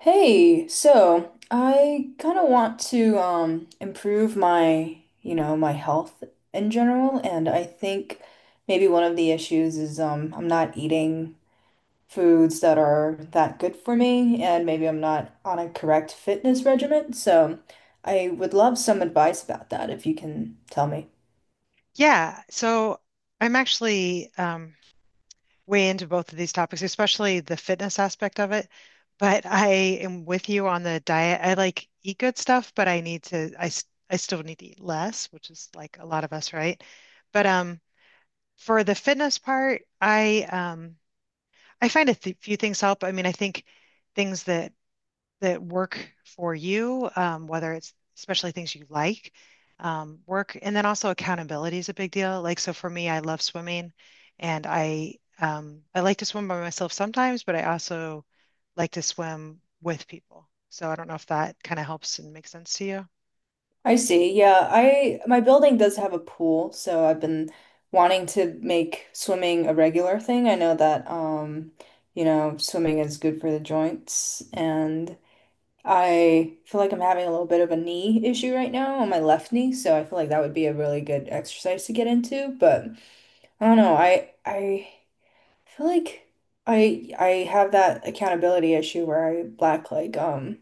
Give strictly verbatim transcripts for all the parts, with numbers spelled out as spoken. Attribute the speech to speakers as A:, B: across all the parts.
A: Hey, so I kind of want to um improve my, you know, my health in general, and I think maybe one of the issues is um I'm not eating foods that are that good for me, and maybe I'm not on a correct fitness regimen. So I would love some advice about that if you can tell me.
B: Yeah, so I'm actually um, way into both of these topics, especially the fitness aspect of it. But I am with you on the diet. I like eat good stuff, but I need to, I, s- I still need to eat less, which is like a lot of us, right? But um, For the fitness part, I um, I find a th few things help. I mean, I think things that that work for you, um, whether it's especially things you like, um, work, and then also accountability is a big deal. Like, so for me, I love swimming, and I um, I like to swim by myself sometimes, but I also like to swim with people. So I don't know if that kind of helps and makes sense to you.
A: I see. Yeah, I my building does have a pool, so I've been wanting to make swimming a regular thing. I know that um, you know, swimming is good for the joints, and I feel like I'm having a little bit of a knee issue right now on my left knee, so I feel like that would be a really good exercise to get into, but I don't know. I I feel like I I have that accountability issue where I lack like um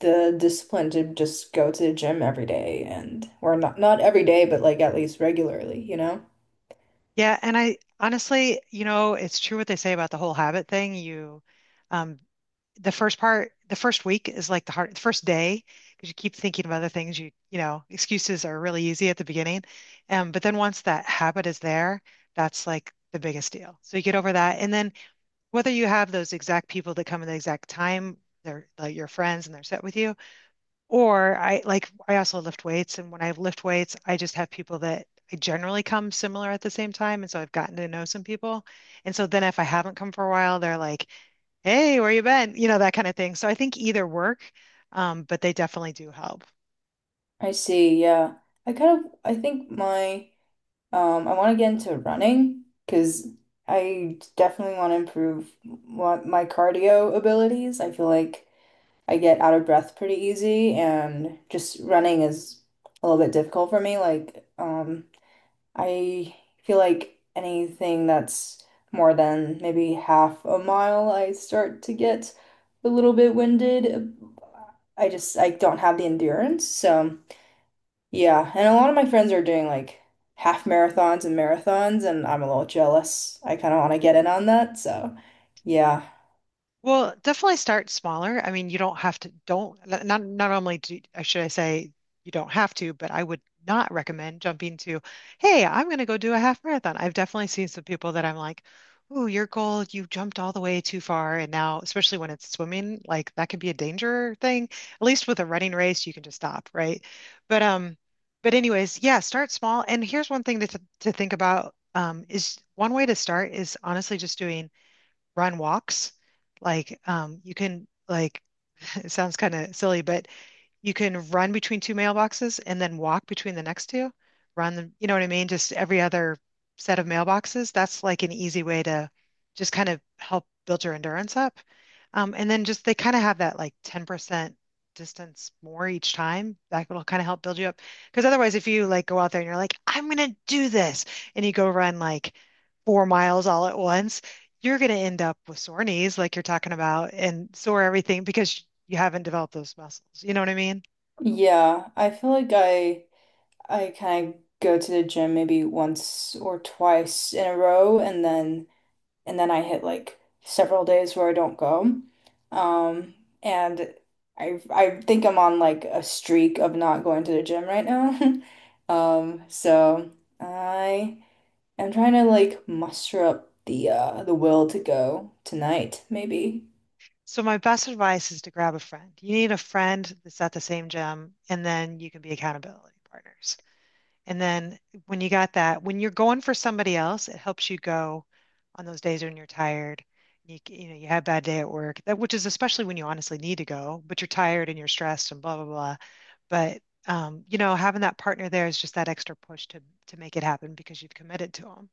A: the discipline to just go to the gym every day and or not not every day, but like at least regularly, you know?
B: Yeah, and I honestly, you know, it's true what they say about the whole habit thing. You, um, the first part, the first week is like the hard, the first day, because you keep thinking of other things. You, you know, excuses are really easy at the beginning, um, but then once that habit is there, that's like the biggest deal. So you get over that, and then whether you have those exact people that come in the exact time, they're like your friends and they're set with you, or I, like, I also lift weights, and when I lift weights, I just have people that I generally come similar at the same time, and so I've gotten to know some people. And so then if I haven't come for a while, they're like, "Hey, where you been?" You know, that kind of thing. So I think either work, um, but they definitely do help.
A: I see, yeah. I kind of I think my um I want to get into running because I definitely want to improve what my cardio abilities. I feel like I get out of breath pretty easy and just running is a little bit difficult for me. Like um I feel like anything that's more than maybe half a mile, I start to get a little bit winded. I just I don't have the endurance. So yeah, and a lot of my friends are doing like half marathons and marathons, and I'm a little jealous. I kind of want to get in on that. So yeah,
B: Well, definitely start smaller. I mean, you don't have to, don't, not, not not only do, uh, should I say you don't have to, but I would not recommend jumping to, hey, I'm going to go do a half marathon. I've definitely seen some people that I'm like, ooh, your goal, you jumped all the way too far. And now, especially when it's swimming, like that could be a danger thing. At least with a running race, you can just stop, right? But, um, but anyways, yeah, start small. And here's one thing to, th- to think about, um, is one way to start is honestly just doing run walks. Like um, you can like It sounds kind of silly, but you can run between two mailboxes and then walk between the next two, run them, you know what I mean? Just every other set of mailboxes. That's like an easy way to just kind of help build your endurance up. Um, and then just they kind of have that like ten percent distance more each time. That will kind of help build you up. Because otherwise, if you like go out there and you're like, I'm gonna do this, and you go run like four miles all at once, you're gonna end up with sore knees, like you're talking about, and sore everything because you haven't developed those muscles. You know what I mean?
A: yeah, I feel like I I kind of go to the gym maybe once or twice in a row, and then. and then I hit like several days where I don't go. Um, and I I think I'm on like a streak of not going to the gym right now. Um, so I am trying to like muster up the uh the will to go tonight, maybe.
B: So my best advice is to grab a friend. You need a friend that's at the same gym, and then you can be accountability partners. And then when you got that, when you're going for somebody else, it helps you go on those days when you're tired. You, you know, you had a bad day at work, that which is especially when you honestly need to go, but you're tired and you're stressed and blah blah blah. But um, you know, having that partner there is just that extra push to to make it happen because you've committed to them.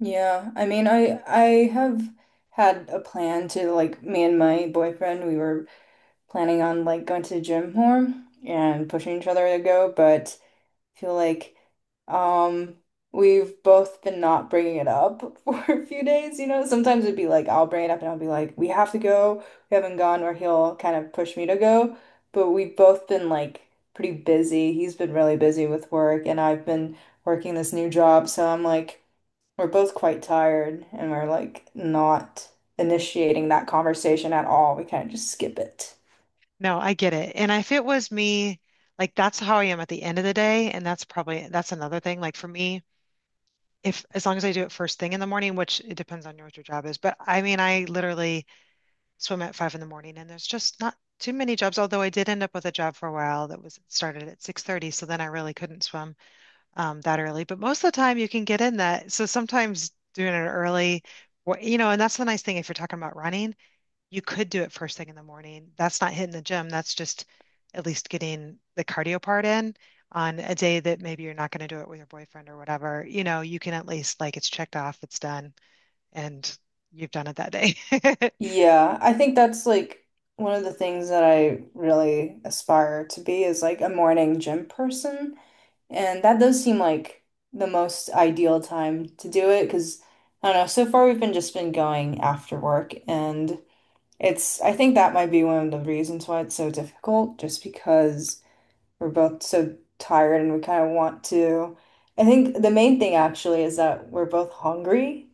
A: Yeah, I mean, I I have had a plan to like me and my boyfriend, we were planning on like going to the gym more and pushing each other to go, but feel like um we've both been not bringing it up for a few days, you know. Sometimes it'd be like I'll bring it up and I'll be like, "We have to go." We haven't gone, or he'll kind of push me to go. But we've both been like pretty busy. He's been really busy with work, and I've been working this new job, so I'm like. We're both quite tired and we're like not initiating that conversation at all. We kind of just skip it.
B: No, I get it. And if it was me, like that's how I am at the end of the day, and that's probably that's another thing. Like for me, if as long as I do it first thing in the morning, which it depends on your what your job is, but I mean, I literally swim at five in the morning, and there's just not too many jobs. Although I did end up with a job for a while that was started at six thirty, so then I really couldn't swim um, that early. But most of the time, you can get in that. So sometimes doing it early, wh- you know, and that's the nice thing if you're talking about running you could do it first thing in the morning. That's not hitting the gym. That's just at least getting the cardio part in on a day that maybe you're not going to do it with your boyfriend or whatever. You know, you can at least like it's checked off, it's done, and you've done it that day.
A: Yeah, I think that's like one of the things that I really aspire to be is like a morning gym person. And that does seem like the most ideal time to do it because I don't know, so far we've been just been going after work and it's I think that might be one of the reasons why it's so difficult just because we're both so tired and we kind of want to. I think the main thing actually is that we're both hungry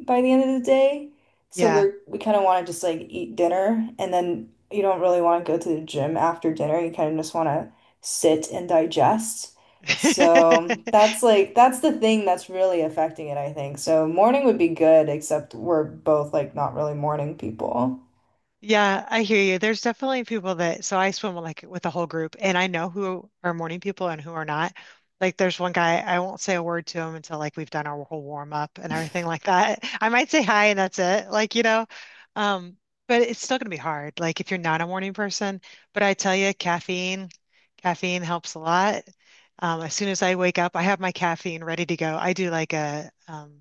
A: by the end of the day. So
B: Yeah.
A: we're we kind of want to just like eat dinner and then you don't really want to go to the gym after dinner. You kind of just want to sit and digest. So that's like that's the thing that's really affecting it, I think. So morning would be good, except we're both like not really morning people.
B: Yeah, I hear you. There's definitely people that, so I swim like with a whole group and I know who are morning people and who are not. Like there's one guy, I won't say a word to him until like we've done our whole warm up and everything like that. I might say hi and that's it. Like, you know, um, but it's still gonna be hard. Like if you're not a morning person, but I tell you, caffeine, caffeine helps a lot. Um, as soon as I wake up, I have my caffeine ready to go. I do like a um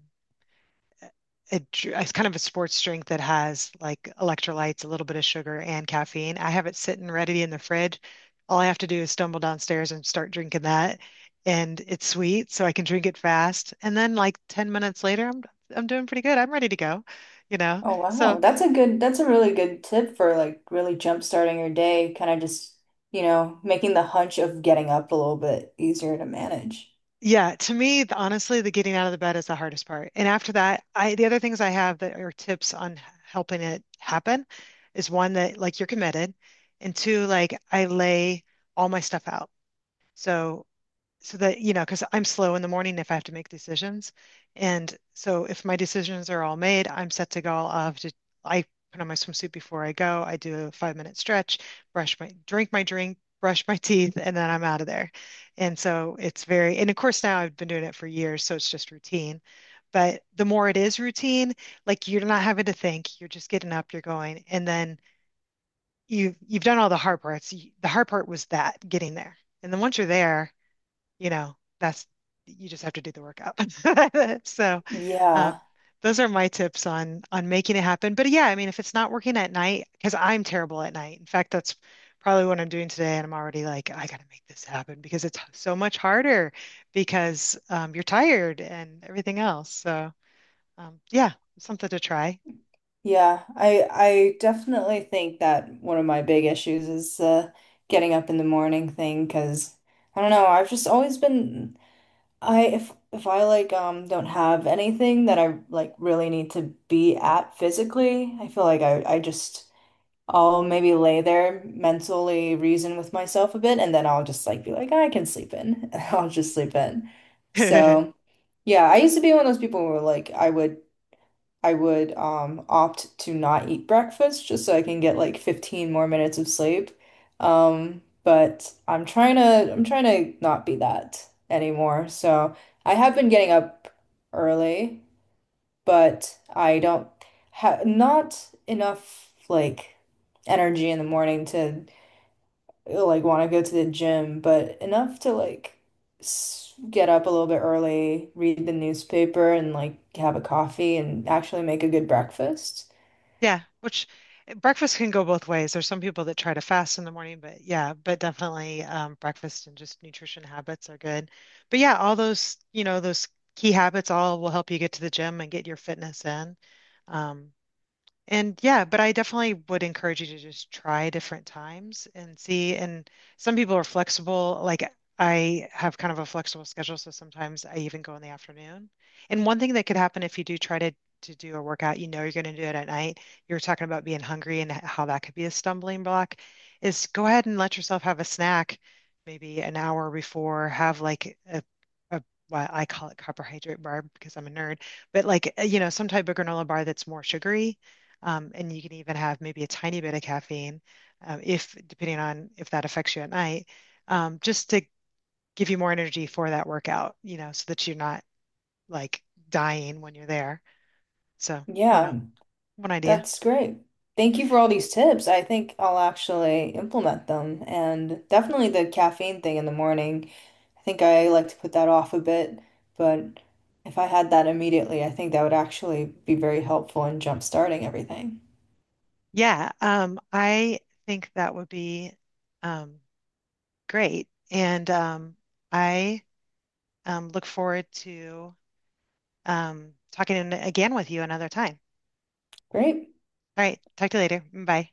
B: a, it's kind of a sports drink that has like electrolytes, a little bit of sugar, and caffeine. I have it sitting ready in the fridge. All I have to do is stumble downstairs and start drinking that. And it's sweet, so I can drink it fast. And then like ten minutes later, I'm I'm doing pretty good. I'm ready to go, you know.
A: Oh
B: So
A: wow. That's a good that's a really good tip for like really jump starting your day, kind of just, you know, making the hunch of getting up a little bit easier to manage.
B: yeah, to me, the, honestly, the getting out of the bed is the hardest part. And after that, I the other things I have that are tips on helping it happen is one that like you're committed, and two, like I lay all my stuff out. So so that, you know, because I'm slow in the morning if I have to make decisions. And so if my decisions are all made, I'm set to go. I'll have to, I put on my swimsuit before I go. I do a five minute stretch, brush my, drink my drink, brush my teeth, and then I'm out of there. And so it's very, and of course now I've been doing it for years, so it's just routine. But the more it is routine, like you're not having to think, you're just getting up, you're going, and then you you've done all the hard parts. You- The hard part was that getting there. And then once you're there, you know, that's you just have to do the work up. So, uh,
A: Yeah.
B: those are my tips on on making it happen. But yeah, I mean, if it's not working at night, because I'm terrible at night. In fact, that's probably what I'm doing today, and I'm already like, I gotta make this happen because it's so much harder because um, you're tired and everything else. So, um, yeah, something to try.
A: Yeah, I I definitely think that one of my big issues is uh getting up in the morning thing. Cause I don't know, I've just always been I if if I like um don't have anything that I like really need to be at physically, I feel like I I just I'll maybe lay there mentally reason with myself a bit and then I'll just like be like I can sleep in. I'll just sleep in. So, yeah, I used to be one of those people who like I would I would um opt to not eat breakfast just so I can get like fifteen more minutes of sleep. Um, but I'm trying to I'm trying to not be that anymore. So I have been getting up early, but I don't have not enough like energy in the morning to like want to go to the gym, but enough to like s- get up a little bit early, read the newspaper, and like have a coffee and actually make a good breakfast.
B: Yeah, which eh, breakfast can go both ways. There's some people that try to fast in the morning, but yeah, but definitely um, breakfast and just nutrition habits are good. But yeah, all those, you know, those key habits all will help you get to the gym and get your fitness in. Um, and yeah, but I definitely would encourage you to just try different times and see. And some people are flexible. Like I have kind of a flexible schedule, so sometimes I even go in the afternoon. And one thing that could happen if you do try to to do a workout, you know you're going to do it at night. You are talking about being hungry and how that could be a stumbling block, is go ahead and let yourself have a snack, maybe an hour before, have like a a what I call it carbohydrate bar because I'm a nerd but like uh, you know some type of granola bar that's more sugary um, and you can even have maybe a tiny bit of caffeine, um, if depending on if that affects you at night, um, just to give you more energy for that workout, you know, so that you're not like dying when you're there. So I don't know,
A: Yeah,
B: one idea.
A: that's great. Thank you for all these tips. I think I'll actually implement them and definitely the caffeine thing in the morning. I think I like to put that off a bit, but if I had that immediately, I think that would actually be very helpful in jump starting everything.
B: Yeah, um, I think that would be um, great. And um, I um, look forward to um, talking again with you another time.
A: Great.
B: All right, talk to you later. Bye.